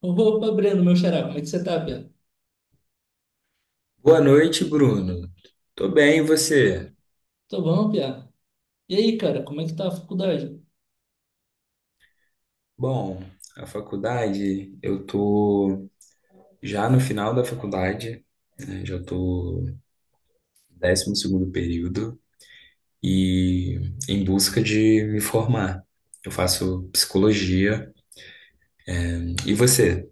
Opa, Breno, meu xará, como é que você tá, Pia? Boa noite, Bruno. Tô bem, e você? Tô bom, Pia. E aí, cara, como é que tá a faculdade? Bom, a faculdade, eu tô já no final da faculdade, né? Já tô no 12º período e em busca de me formar. Eu faço psicologia. E você?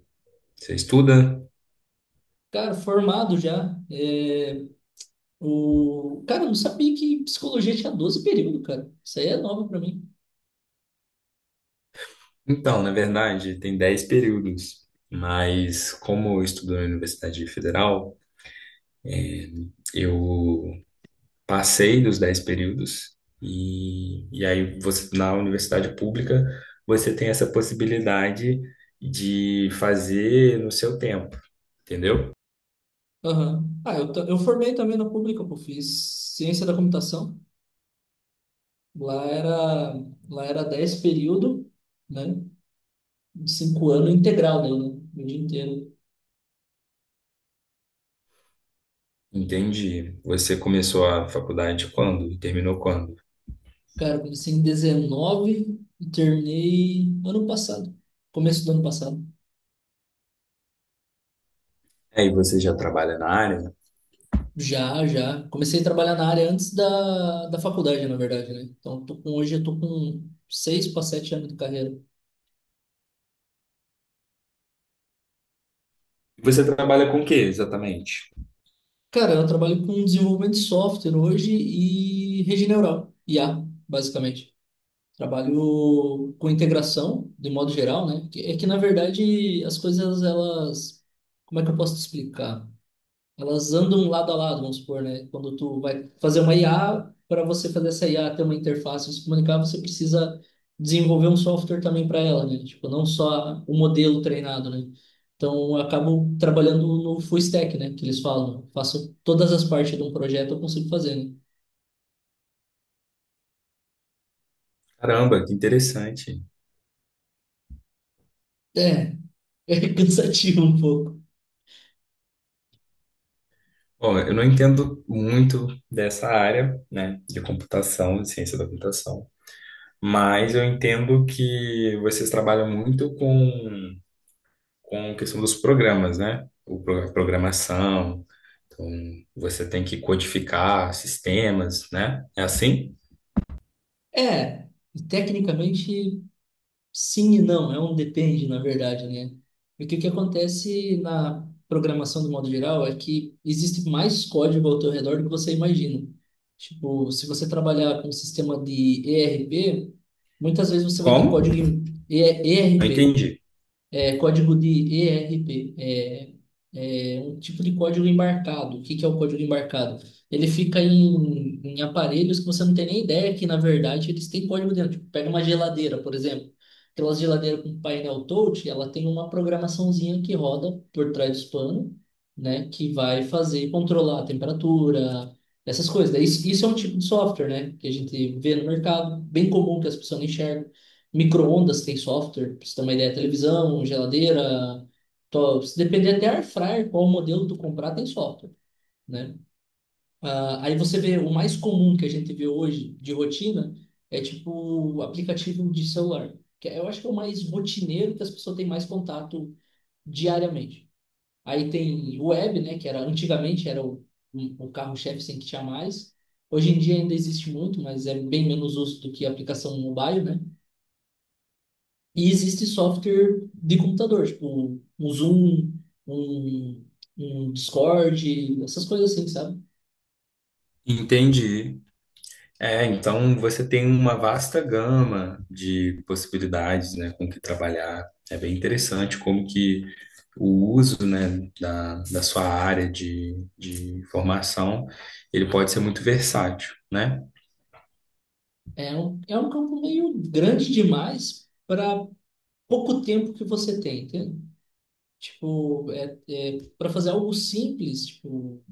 Você estuda? Cara, formado já. É, Cara, eu não sabia que psicologia tinha 12 períodos, cara. Isso aí é novo pra mim. Então, na verdade, tem 10 períodos, mas como eu estudo na Universidade Federal, é, eu passei dos 10 períodos, e aí você, na universidade pública você tem essa possibilidade de fazer no seu tempo, entendeu? Aham. Ah, eu formei também na pública, pô. Fiz ciência da computação. Lá era, lá era 10 períodos, né? De 5 anos integral, né? O dia inteiro. Entendi. Você começou a faculdade quando? E terminou quando? Cara, comecei em 19 e terminei ano passado. Começo do ano passado. Aí você já trabalha na área? Já, já. Comecei a trabalhar na área antes da faculdade, na verdade, né? Então, hoje eu tô com 6 para 7 anos de carreira. Você trabalha com o que exatamente? Cara, eu trabalho com desenvolvimento de software hoje e rede neural, IA, basicamente. Trabalho com integração, de modo geral, né? É que, na verdade, as coisas, elas... Como é que eu posso te explicar? Elas andam lado a lado, vamos supor, né? Quando tu vai fazer uma IA, para você fazer essa IA ter uma interface e se comunicar, você precisa desenvolver um software também para ela, né? Tipo, não só o modelo treinado, né? Então, eu acabo trabalhando no full stack, né? Que eles falam, faço todas as partes de um projeto, eu consigo fazer, né? Caramba, que interessante. É, é cansativo um pouco. Bom, eu não entendo muito dessa área, né, de computação, de ciência da computação, mas eu entendo que vocês trabalham muito com a questão dos programas, né? A programação, então você tem que codificar sistemas, né? É assim? É, tecnicamente, sim e não, é um depende, na verdade, né? E o que que acontece na programação do modo geral é que existe mais código ao teu redor do que você imagina. Tipo, se você trabalhar com um sistema de ERP, muitas vezes você vai ter Como? código em Não ERP. entendi. É código de ERP, é um tipo de código embarcado. O que que é o código embarcado? Ele fica em, em aparelhos que você não tem nem ideia que, na verdade, eles têm código dentro. Tipo, pega uma geladeira, por exemplo. Aquelas geladeiras com painel touch, ela tem uma programaçãozinha que roda por trás do panos, né? Que vai fazer, controlar a temperatura, essas coisas. Isso é um tipo de software, né? Que a gente vê no mercado, bem comum que as pessoas não enxergam. Micro-ondas tem software, pra você ter uma ideia, televisão, geladeira, se depender até air fryer, qual modelo tu comprar, tem software, né? Ah, aí você vê o mais comum que a gente vê hoje de rotina é tipo o aplicativo de celular, que é, eu acho que é o mais rotineiro que as pessoas têm mais contato diariamente. Aí tem o web, né, que era antigamente era o carro-chefe sem que tinha mais. Hoje em dia ainda existe muito, mas é bem menos uso do que a aplicação mobile, né? E existe software de computador, tipo um Zoom, um, um Discord, essas coisas assim, sabe? Entendi. É, então você tem uma vasta gama de possibilidades, né, com que trabalhar. É bem interessante como que o uso, né, da sua área de formação, ele pode ser muito versátil, né? É um campo meio grande demais para pouco tempo que você tem, entende? Tipo, para fazer algo simples, tipo,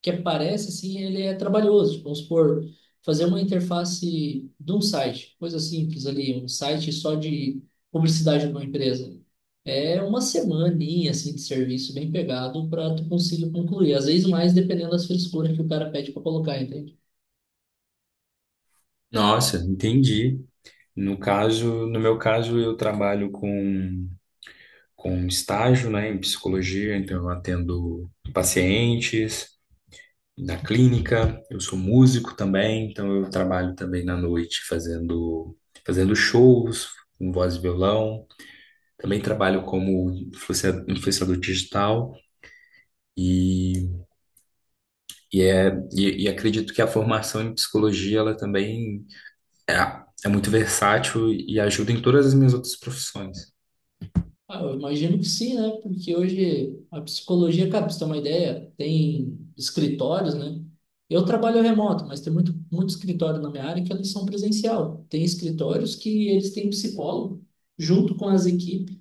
que aparece, assim, ele é trabalhoso. Tipo, vamos supor, fazer uma interface de um site, coisa simples ali, um site só de publicidade de uma empresa. É uma semaninha, assim, de serviço bem pegado para tu conseguir concluir. Às vezes mais, dependendo das frescuras que o cara pede para colocar, entende? Nossa, entendi. No caso, no meu caso, eu trabalho com estágio, né, em psicologia, então eu atendo pacientes na clínica, eu sou músico também, então eu trabalho também na noite fazendo shows com voz e violão, também trabalho como influenciador digital e, e acredito que a formação em psicologia, ela também é, é muito versátil e ajuda em todas as minhas outras profissões. Ah, eu imagino que sim, né? Porque hoje a psicologia, cara, pra você ter uma ideia, tem escritórios, né? Eu trabalho remoto, mas tem muito, muito escritório na minha área que eles são presencial. Tem escritórios que eles têm psicólogo junto com as equipes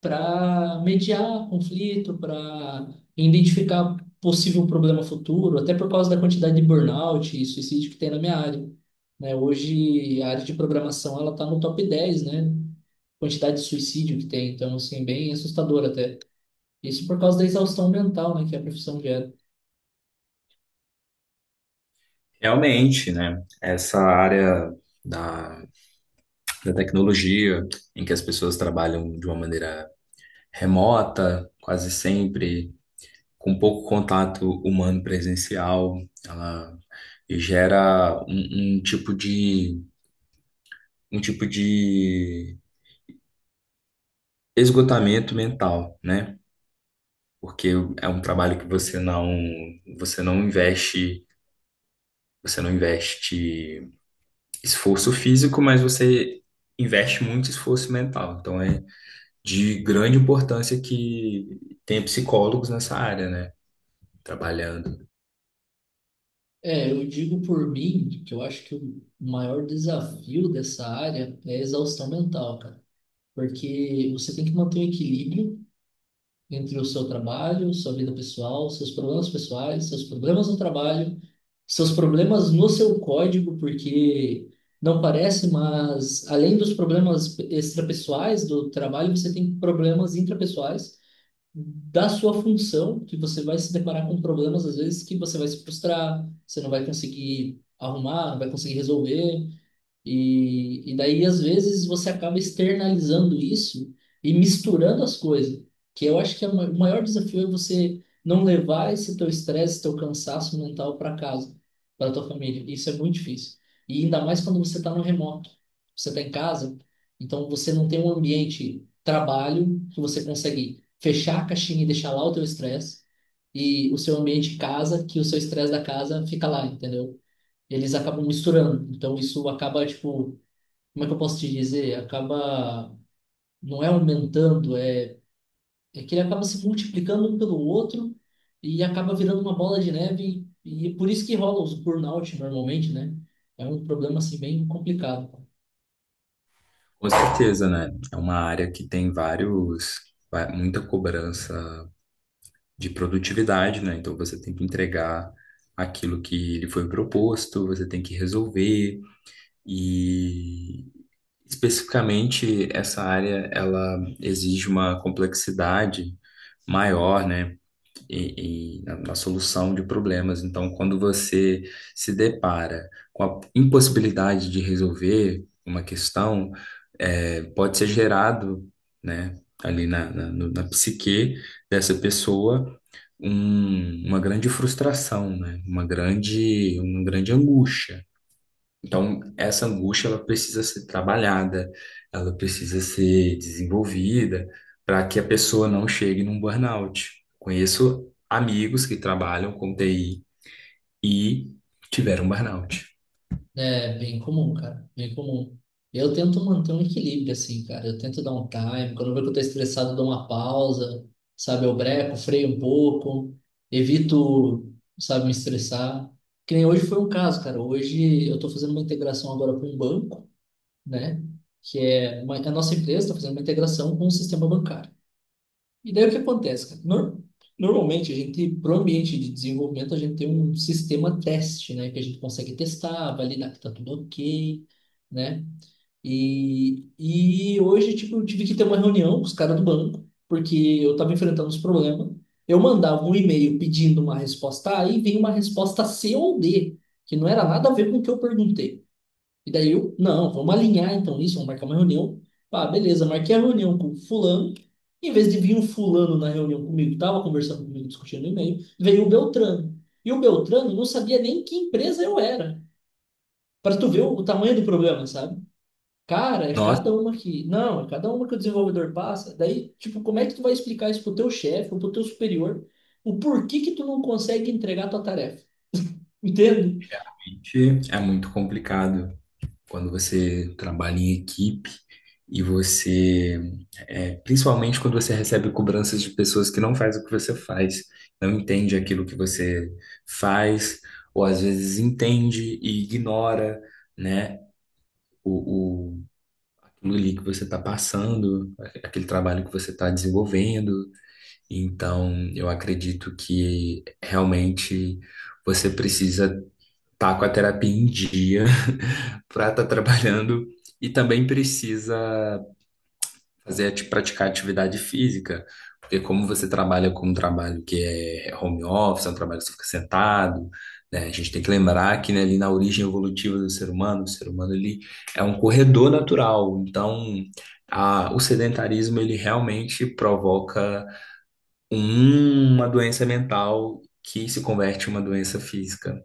para mediar conflito, para identificar possível problema futuro, até por causa da quantidade de burnout e suicídio que tem na minha área. Né? Hoje, a área de programação ela está no top 10, né? Quantidade de suicídio que tem, então, assim, bem assustador até. Isso por causa da exaustão mental, né, que a profissão gera. Realmente, né? Essa área da, da tecnologia, em que as pessoas trabalham de uma maneira remota, quase sempre, com pouco contato humano presencial, ela gera um tipo de esgotamento mental, né? Porque é um trabalho que você não investe, você não investe esforço físico, mas você investe muito esforço mental. Então, é de grande importância que tem psicólogos nessa área, né? Trabalhando. É, eu digo por mim que eu acho que o maior desafio dessa área é a exaustão mental, cara. Porque você tem que manter o equilíbrio entre o seu trabalho, sua vida pessoal, seus problemas pessoais, seus problemas no trabalho, seus problemas no seu código, porque não parece, mas além dos problemas extrapessoais do trabalho, você tem problemas intrapessoais da sua função, que você vai se deparar com problemas às vezes que você vai se frustrar, você não vai conseguir arrumar, não vai conseguir resolver. E daí, às vezes, você acaba externalizando isso e misturando as coisas, que eu acho que é o maior desafio é você não levar esse teu estresse, esse teu cansaço mental para casa, para tua família. Isso é muito difícil. E ainda mais quando você está no remoto. Você está em casa, então você não tem um ambiente trabalho que você consegue fechar a caixinha e deixar lá o teu estresse, e o seu ambiente casa, que o seu estresse da casa fica lá, entendeu? Eles acabam misturando. Então isso acaba, tipo, como é que eu posso te dizer? Acaba, não é aumentando, é, é que ele acaba se multiplicando um pelo outro e acaba virando uma bola de neve e é por isso que rola os burnout normalmente, né? É um problema, assim, bem complicado. Com certeza, né? É uma área que tem muita cobrança de produtividade, né? Então você tem que entregar aquilo que lhe foi proposto, você tem que resolver e especificamente essa área ela exige uma complexidade maior, né? E na na solução de problemas. Então, quando você se depara com a impossibilidade de resolver uma questão, pode ser gerado, né, ali na, na, no- na psique dessa pessoa uma grande frustração, né, uma grande angústia. Então, essa angústia ela precisa ser trabalhada, ela precisa ser desenvolvida para que a pessoa não chegue num burnout. Conheço amigos que trabalham com TI e tiveram burnout. É bem comum, cara, bem comum. Eu tento manter um equilíbrio, assim, cara. Eu tento dar um time. Quando eu vejo que eu tô estressado, eu dou uma pausa, sabe? Eu breco, freio um pouco, evito, sabe, me estressar. Que nem hoje foi um caso, cara. Hoje eu tô fazendo uma integração agora com um banco, né? Que é a nossa empresa está fazendo uma integração com o sistema bancário. E daí o que acontece, cara? Normalmente a gente, para o ambiente de desenvolvimento, a gente tem um sistema teste, né? Que a gente consegue testar, validar que está tudo ok, né? E hoje, tipo, eu tive que ter uma reunião com os caras do banco, porque eu estava enfrentando os problemas. Eu mandava um e-mail pedindo uma resposta A e vinha uma resposta C ou D, que não era nada a ver com o que eu perguntei. E daí eu, não, vamos alinhar então isso, vamos marcar uma reunião. Ah, beleza, marquei a reunião com fulano. Em vez de vir um fulano na reunião comigo, tava conversando comigo, discutindo e-mail, veio o Beltrano. E o Beltrano não sabia nem que empresa eu era. Para tu ver o tamanho do problema, sabe? Cara, é Nossa, cada uma que. Não, é cada uma que o desenvolvedor passa. Daí, tipo, como é que tu vai explicar isso pro teu chefe ou pro teu superior? O porquê que tu não consegue entregar a tua tarefa? Entende? gente, é muito complicado. Quando você trabalha em equipe e você, principalmente quando você recebe cobranças de pessoas que não fazem o que você faz, não entende aquilo que você faz, ou às vezes entende e ignora, né, o aquilo ali que você está passando, aquele trabalho que você está desenvolvendo. Então, eu acredito que realmente você precisa tá com a terapia em dia para estar trabalhando e também precisa praticar atividade física, porque como você trabalha com um trabalho que é home office, é um trabalho que você fica sentado, né? A gente tem que lembrar que né, ali na origem evolutiva do ser humano, o ser humano ele é um corredor natural, então o sedentarismo ele realmente provoca uma doença mental que se converte em uma doença física.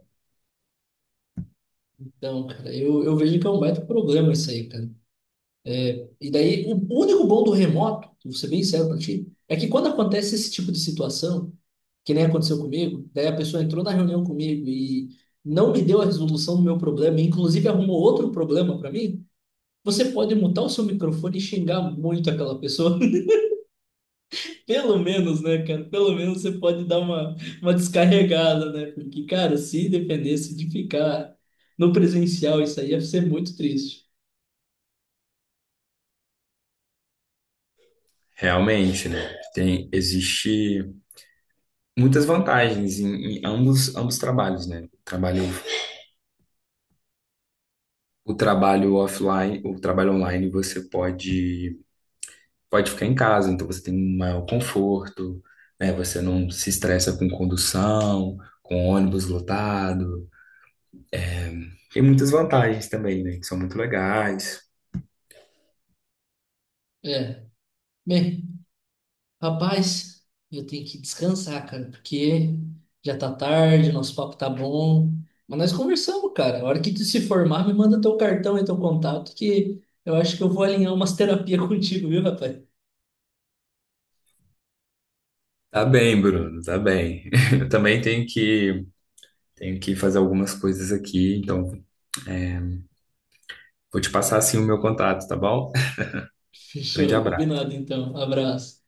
Então, cara, eu vejo que é um baita problema isso aí, cara. E daí, o único bom do remoto, vou ser bem sério pra ti, é que quando acontece esse tipo de situação, que nem aconteceu comigo, daí a pessoa entrou na reunião comigo e não me deu a resolução do meu problema, e inclusive arrumou outro problema pra mim, você pode mutar o seu microfone e xingar muito aquela pessoa. Pelo menos, né, cara? Pelo menos você pode dar uma descarregada, né? Porque, cara, se dependesse de ficar no presencial, isso aí ia ser muito triste. Realmente, né? Existe muitas vantagens em ambos trabalhos, né? O trabalho offline, o trabalho online, você pode ficar em casa, então você tem um maior conforto, né? Você não se estressa com condução, com ônibus lotado. Tem muitas vantagens também, né? Que são muito legais. É. Bem, rapaz, eu tenho que descansar, cara, porque já tá tarde, nosso papo tá bom. Mas nós conversamos, cara. A hora que tu se formar, me manda teu cartão e teu contato, que eu acho que eu vou alinhar umas terapias contigo, viu, rapaz? Tá bem, Bruno, tá bem. Eu também tenho que fazer algumas coisas aqui, então vou te passar assim o meu contato, tá bom? Grande Fechou, abraço. combinado então. Abraço.